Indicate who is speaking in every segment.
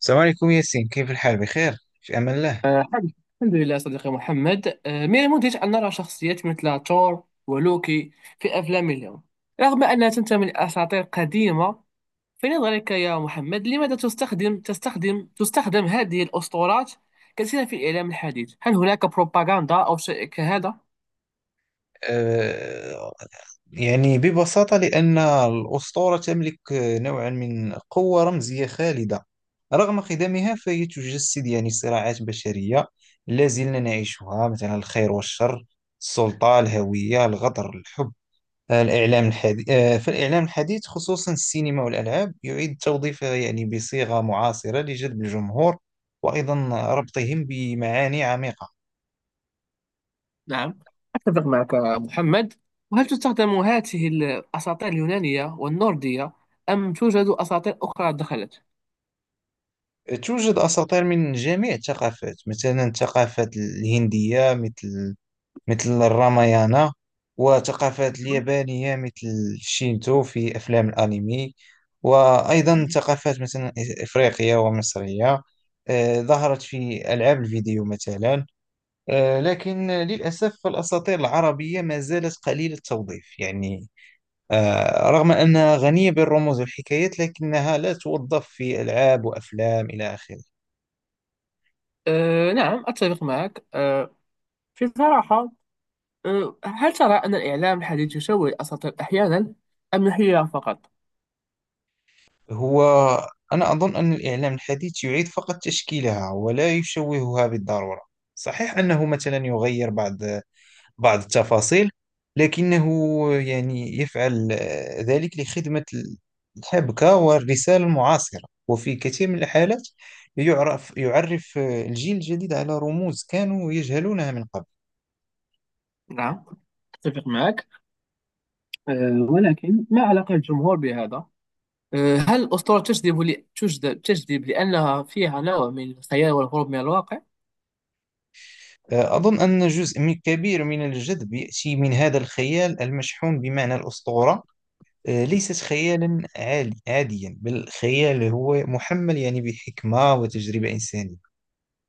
Speaker 1: السلام عليكم ياسين، كيف الحال؟ بخير في أمان الله.
Speaker 2: الحمد الحمد لله صديقي محمد. من المدهش أن نرى شخصيات مثل تور ولوكي في أفلام اليوم، رغم أنها تنتمي لأساطير قديمة. في نظرك يا محمد، لماذا تستخدم هذه الأسطورات كثيرا في الإعلام الحديث؟ هل هناك بروباغندا أو شيء كهذا؟
Speaker 1: أه يعني ببساطة لأن الأسطورة تملك نوعا من قوة رمزية خالدة رغم خدمها، فهي تجسد يعني صراعات بشرية لا زلنا نعيشها، مثلا الخير والشر، السلطة، الهوية، الغدر، الحب. آه، الإعلام الحديث آه، فالإعلام الحديث خصوصا السينما والألعاب يعيد توظيفها يعني بصيغة معاصرة لجذب الجمهور، وأيضا ربطهم بمعاني عميقة.
Speaker 2: نعم، أتفق معك يا محمد. وهل تستخدم هذه الأساطير اليونانية والنوردية، أم توجد أساطير أخرى دخلت؟
Speaker 1: توجد أساطير من جميع الثقافات، مثلا الثقافة الهندية مثل الرامايانا، وثقافات اليابانية مثل الشينتو في أفلام الأنمي، وأيضا
Speaker 2: نعم.
Speaker 1: ثقافات مثلا إفريقية ومصرية ظهرت في ألعاب الفيديو مثلا. لكن للأسف الأساطير العربية ما زالت قليلة التوظيف يعني، رغم أنها غنية بالرموز والحكايات لكنها لا توظف في ألعاب وأفلام إلى آخره.
Speaker 2: أه نعم، أتفق معك. في صراحة، هل ترى أن الإعلام الحديث يشوه الأساطير أحيانا، أم هي فقط؟
Speaker 1: هو أنا أظن أن الإعلام الحديث يعيد فقط تشكيلها ولا يشوهها بالضرورة. صحيح أنه مثلا يغير بعض التفاصيل، لكنه يعني يفعل ذلك لخدمة الحبكة والرسالة المعاصرة، وفي كثير من الحالات يعرف الجيل الجديد على رموز كانوا يجهلونها من قبل.
Speaker 2: نعم، أتفق معك. ولكن ما علاقة الجمهور بهذا؟ هل الأسطورة تجذب تجذب لأنها فيها نوع من الخيال والهروب من الواقع؟
Speaker 1: أظن أن كبير من الجذب يأتي من هذا الخيال المشحون بمعنى الأسطورة. ليست خيالا عالي عاديا، بل خيال هو محمل يعني بحكمة وتجربة إنسانية،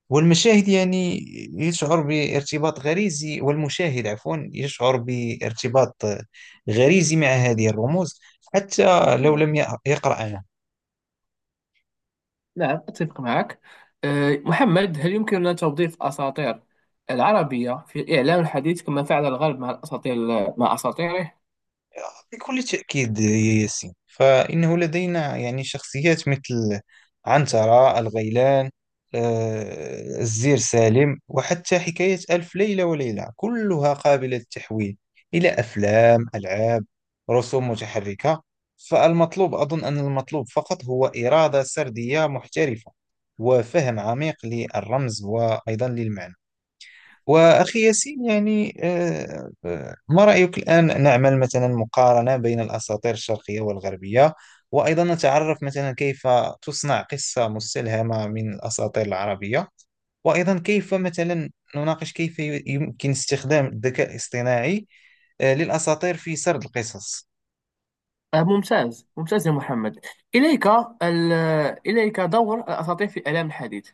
Speaker 1: والمشاهد يعني يشعر بارتباط غريزي. والمشاهد عفوا يشعر بارتباط غريزي مع هذه الرموز حتى لو
Speaker 2: نعم.
Speaker 1: لم يقرأها.
Speaker 2: نعم، أتفق معك. محمد، هل يمكننا توظيف الأساطير العربية في الإعلام الحديث كما فعل الغرب مع الأساطير، مع أساطيره؟
Speaker 1: بكل تأكيد يا ياسين، فإنه لدينا يعني شخصيات مثل عنترة، الغيلان، الزير سالم، وحتى حكاية ألف ليلة وليلة، كلها قابلة للتحويل إلى أفلام، ألعاب، رسوم متحركة. فالمطلوب أظن أن المطلوب فقط هو إرادة سردية محترفة وفهم عميق للرمز وأيضا للمعنى. وأخي ياسين يعني، ما رأيك الآن نعمل مثلا مقارنة بين الأساطير الشرقية والغربية، وأيضا نتعرف مثلا كيف تصنع قصة مستلهمة من الأساطير العربية، وأيضا كيف مثلا نناقش كيف يمكن استخدام الذكاء الاصطناعي للأساطير في سرد القصص؟
Speaker 2: ممتاز ممتاز يا محمد. إليك ال- إليك دور الأساطير في الإعلام الحديث.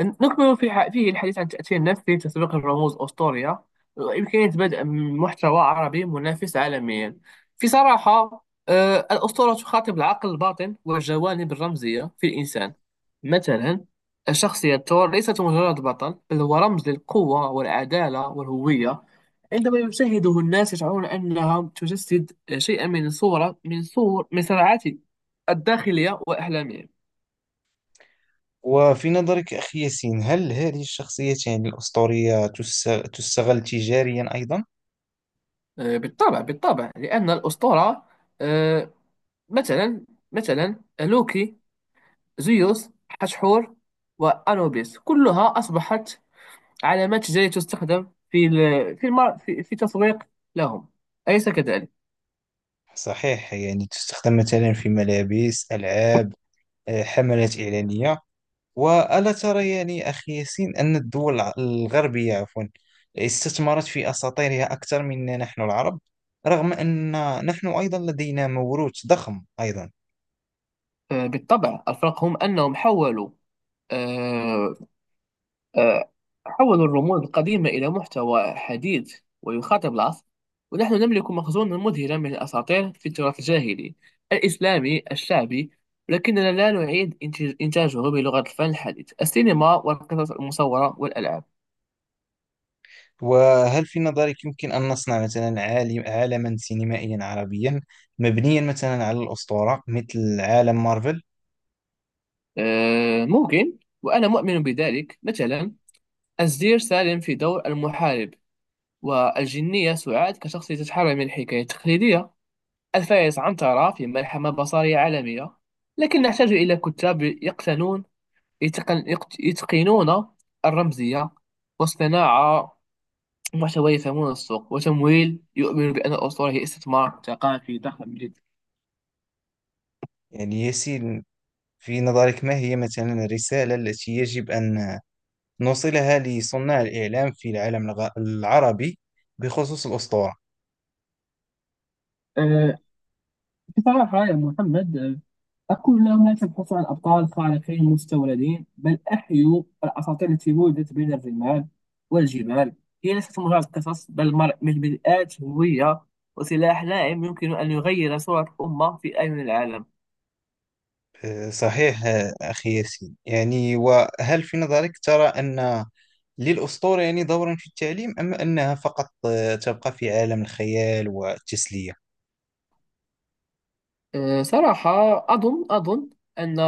Speaker 2: نكمل في فيه الحديث عن تأثير نفسي، تسويق الرموز أسطوريا، وإمكانية بدء محتوى عربي منافس عالميا. في صراحة، الأسطورة تخاطب العقل الباطن والجوانب الرمزية في الإنسان. مثلا الشخصية تور ليست مجرد بطل، بل هو رمز للقوة والعدالة والهوية. عندما يشاهده الناس، يشعرون أنها تجسد شيئا من صورة، من صور صراعات الداخلية وأحلامهم.
Speaker 1: وفي نظرك أخي ياسين، هل هذه الشخصيتين الأسطورية تستغل تجاريا أيضا؟
Speaker 2: بالطبع بالطبع، لأن الأسطورة، آه، مثلا، مثلا لوكي، زيوس، حتحور وأنوبيس، كلها أصبحت علامات تجارية تستخدم في في في تسويق لهم. أليس كذلك؟
Speaker 1: صحيح، يعني تستخدم مثلا في ملابس، ألعاب، حملات إعلانية. وألا ترى يعني أخي ياسين أن الدول الغربية عفوا استثمرت في أساطيرها أكثر منا نحن العرب، رغم أن نحن أيضا لدينا موروث ضخم أيضا؟
Speaker 2: بالطبع. الفرق هم أنهم حولوا، آه، آه، حول الرموز القديمة إلى محتوى حديث ويخاطب العصر. ونحن نملك مخزونا مذهلا من الأساطير في التراث الجاهلي، الإسلامي، الشعبي، لكننا لا نعيد إنتاجه بلغة الفن الحديث، السينما والقصص المصورة والألعاب.
Speaker 1: وهل في نظرك يمكن أن نصنع مثلا عالم عالما سينمائيا عربيا مبنيا مثلا على الأسطورة مثل عالم مارفل؟
Speaker 2: ممكن، وأنا مؤمن بذلك. مثلا الزير سالم في دور المحارب، والجنية سعاد كشخصية تتحرر من الحكاية التقليدية، الفيض عنترة في ملحمة بصرية عالمية. لكن نحتاج إلى كتاب يقتنون، يتقنون الرمزية والصناعة، محتوى يفهمون السوق، وتمويل يؤمن بأن الأسطورة هي استثمار ثقافي ضخم جدا.
Speaker 1: يعني ياسين، في نظرك ما هي مثلا الرسالة التي يجب أن نوصلها لصناع الإعلام في العالم العربي بخصوص الأسطورة؟
Speaker 2: أه، بصراحة يا محمد، أقول لا، لا تبحثوا عن أبطال خارقين مستوردين، بل أحيوا الأساطير التي ولدت بين الرمال والجبال. هي ليست مجرد قصص، بل من بدءات هوية وسلاح لائم يمكن أن يغير صورة أمة في أعين العالم.
Speaker 1: صحيح. أخي ياسين يعني، وهل في نظرك ترى أن للأسطورة يعني دورا في التعليم، أم أنها فقط تبقى في عالم الخيال والتسلية؟
Speaker 2: أه، صراحة، أظن أن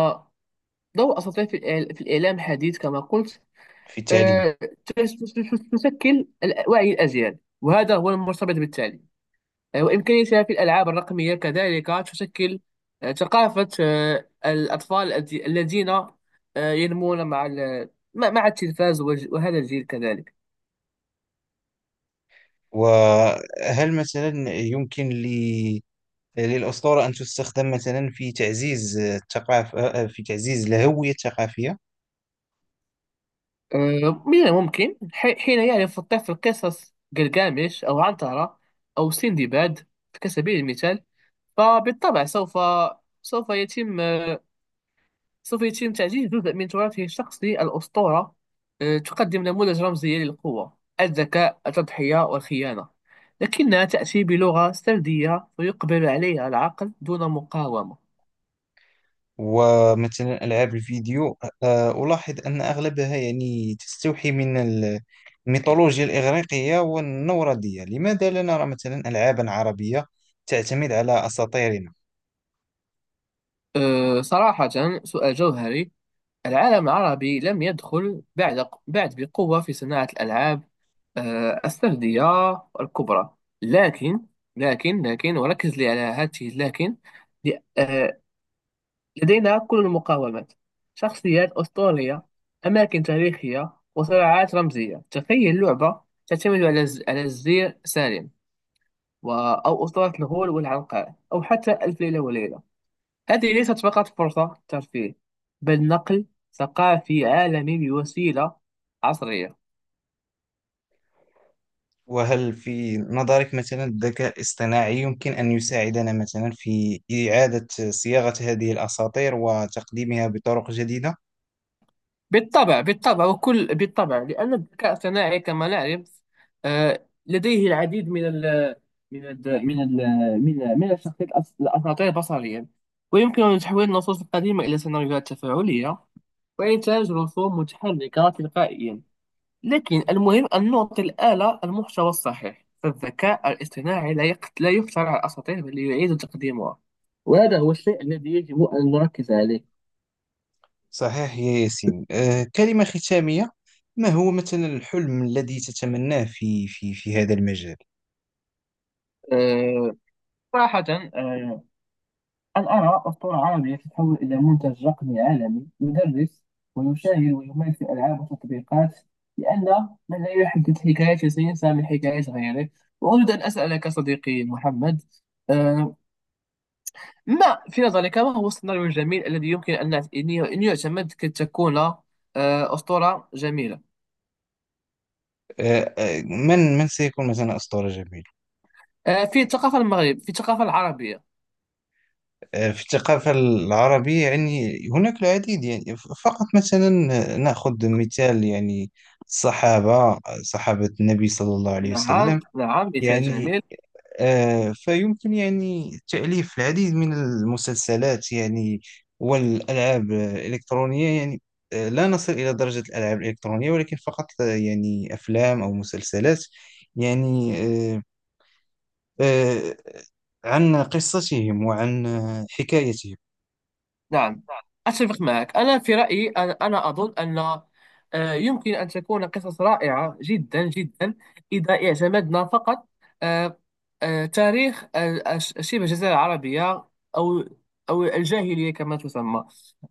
Speaker 2: ضوء أساطير في في الإعلام الحديث كما قلت،
Speaker 1: في التعليم.
Speaker 2: أه، تشكل وعي الأجيال، وهذا هو المرتبط بالتعليم. وإمكانيتها في الألعاب الرقمية كذلك تشكل ثقافة الأطفال الذين ينمون مع مع التلفاز وهذا الجيل كذلك.
Speaker 1: وهل مثلا يمكن ل للأسطورة أن تستخدم مثلا في تعزيز الثقافة، في تعزيز الهوية الثقافية؟
Speaker 2: من الممكن حين يعرف الطفل قصص جلجامش أو عنترة أو سندباد كسبيل المثال، فبالطبع سوف، سوف يتم سوف يتم تعزيز جزء من تراثه الشخصي. الأسطورة تقدم نموذج رمزي للقوة، الذكاء، التضحية والخيانة، لكنها تأتي بلغة سردية ويقبل عليها العقل دون مقاومة.
Speaker 1: ومثلا ألعاب الفيديو، ألاحظ أن أغلبها يعني تستوحي من الميثولوجيا الإغريقية والنوردية، لماذا لا نرى مثلا ألعابا عربية تعتمد على أساطيرنا؟
Speaker 2: صراحة، سؤال جوهري. العالم العربي لم يدخل بعد بقوة في صناعة الألعاب السردية الكبرى. لكن لكن لكن، وركز لي على هذه لكن، لدينا كل المقاومات، شخصيات أسطورية، أماكن تاريخية وصراعات رمزية. تخيل لعبة تعتمد على الزير سالم و... أو أسطورة الغول والعنقاء، أو حتى ألف ليلة وليلة. هذه ليست فقط فرصة ترفيه، بل نقل ثقافي عالمي بوسيلة عصرية.
Speaker 1: وهل في نظرك مثلا الذكاء الاصطناعي يمكن أن يساعدنا مثلا في إعادة صياغة هذه الأساطير وتقديمها بطرق جديدة؟
Speaker 2: بالطبع بالطبع، وكل بالطبع، لأن الذكاء الصناعي كما نعرف، لديه العديد من ال من ال من ال من من الشخصيات الأساطير بصريا، ويمكن تحويل النصوص القديمة إلى سيناريوهات تفاعلية، وإنتاج رسوم متحركة تلقائيا. لكن المهم أن نعطي الآلة المحتوى الصحيح، فالذكاء الاصطناعي لا يخترع الأساطير، بل يعيد تقديمها، وهذا هو الشيء الذي يجب أن نركز عليه.
Speaker 1: صحيح يا ياسين. كلمة ختامية، ما هو مثلا الحلم الذي تتمناه في هذا المجال؟
Speaker 2: آه، صراحة، آه، أن أرى أسطورة عربية تتحول إلى منتج رقمي عالمي، يدرس ويشاهد ويمارس ألعاب وتطبيقات، لأن من لا يحدد حكايته سينسى من حكاية غيره. وأريد أن أسألك صديقي محمد، آه، ما في نظرك، ما هو السيناريو الجميل الذي يمكن أن يعتمد كي تكون أسطورة جميلة؟
Speaker 1: من سيكون مثلا إصدار جميل
Speaker 2: في الثقافة المغرب، في الثقافة العربية.
Speaker 1: في الثقافة العربية؟ يعني هناك العديد يعني، فقط مثلا نأخذ مثال يعني الصحابة، صحابة النبي صلى الله عليه
Speaker 2: نعم،
Speaker 1: وسلم،
Speaker 2: نعم، مثال
Speaker 1: يعني
Speaker 2: جميل.
Speaker 1: فيمكن يعني تأليف العديد من المسلسلات يعني والألعاب الإلكترونية يعني. لا نصل إلى درجة الألعاب الإلكترونية، ولكن فقط يعني أفلام أو مسلسلات يعني، آه، عن قصتهم وعن حكايتهم.
Speaker 2: نعم، أتفق معك. أنا في رأيي، أنا أظن أن يمكن أن تكون قصص رائعة جدا جدا، إذا اعتمدنا فقط آه، تاريخ شبه الجزيرة العربية، أو، أو الجاهلية كما تسمى.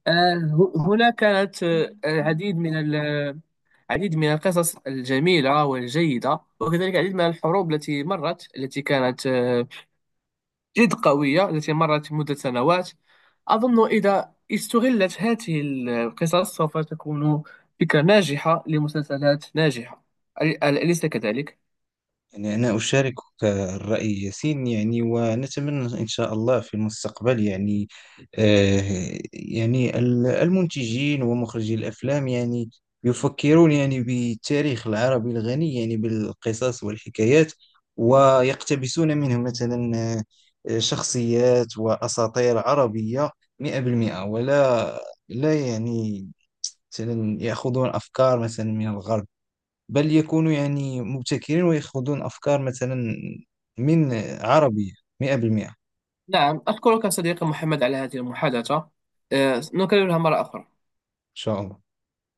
Speaker 2: هنا كانت العديد من العديد من القصص الجميلة والجيدة، وكذلك العديد من الحروب التي مرت، التي كانت جد قوية، التي مرت مدة سنوات. أظن إذا استغلت هذه القصص، سوف تكون فكرة ناجحة لمسلسلات ناجحة. أليس كذلك؟
Speaker 1: يعني أنا أشاركك الرأي ياسين، يعني ونتمنى إن شاء الله في المستقبل يعني يعني المنتجين ومخرجي الأفلام يعني يفكرون يعني بالتاريخ العربي الغني يعني بالقصص والحكايات، ويقتبسون منه مثلا شخصيات وأساطير عربية 100%، ولا لا يعني مثلا يأخذون أفكار مثلا من الغرب، بل يكونوا يعني مبتكرين، ويأخذون أفكار مثلا من عربية 100%. إن
Speaker 2: نعم، أشكرك صديقي محمد على هذه المحادثة. نكررها مرة أخرى.
Speaker 1: شاء الله.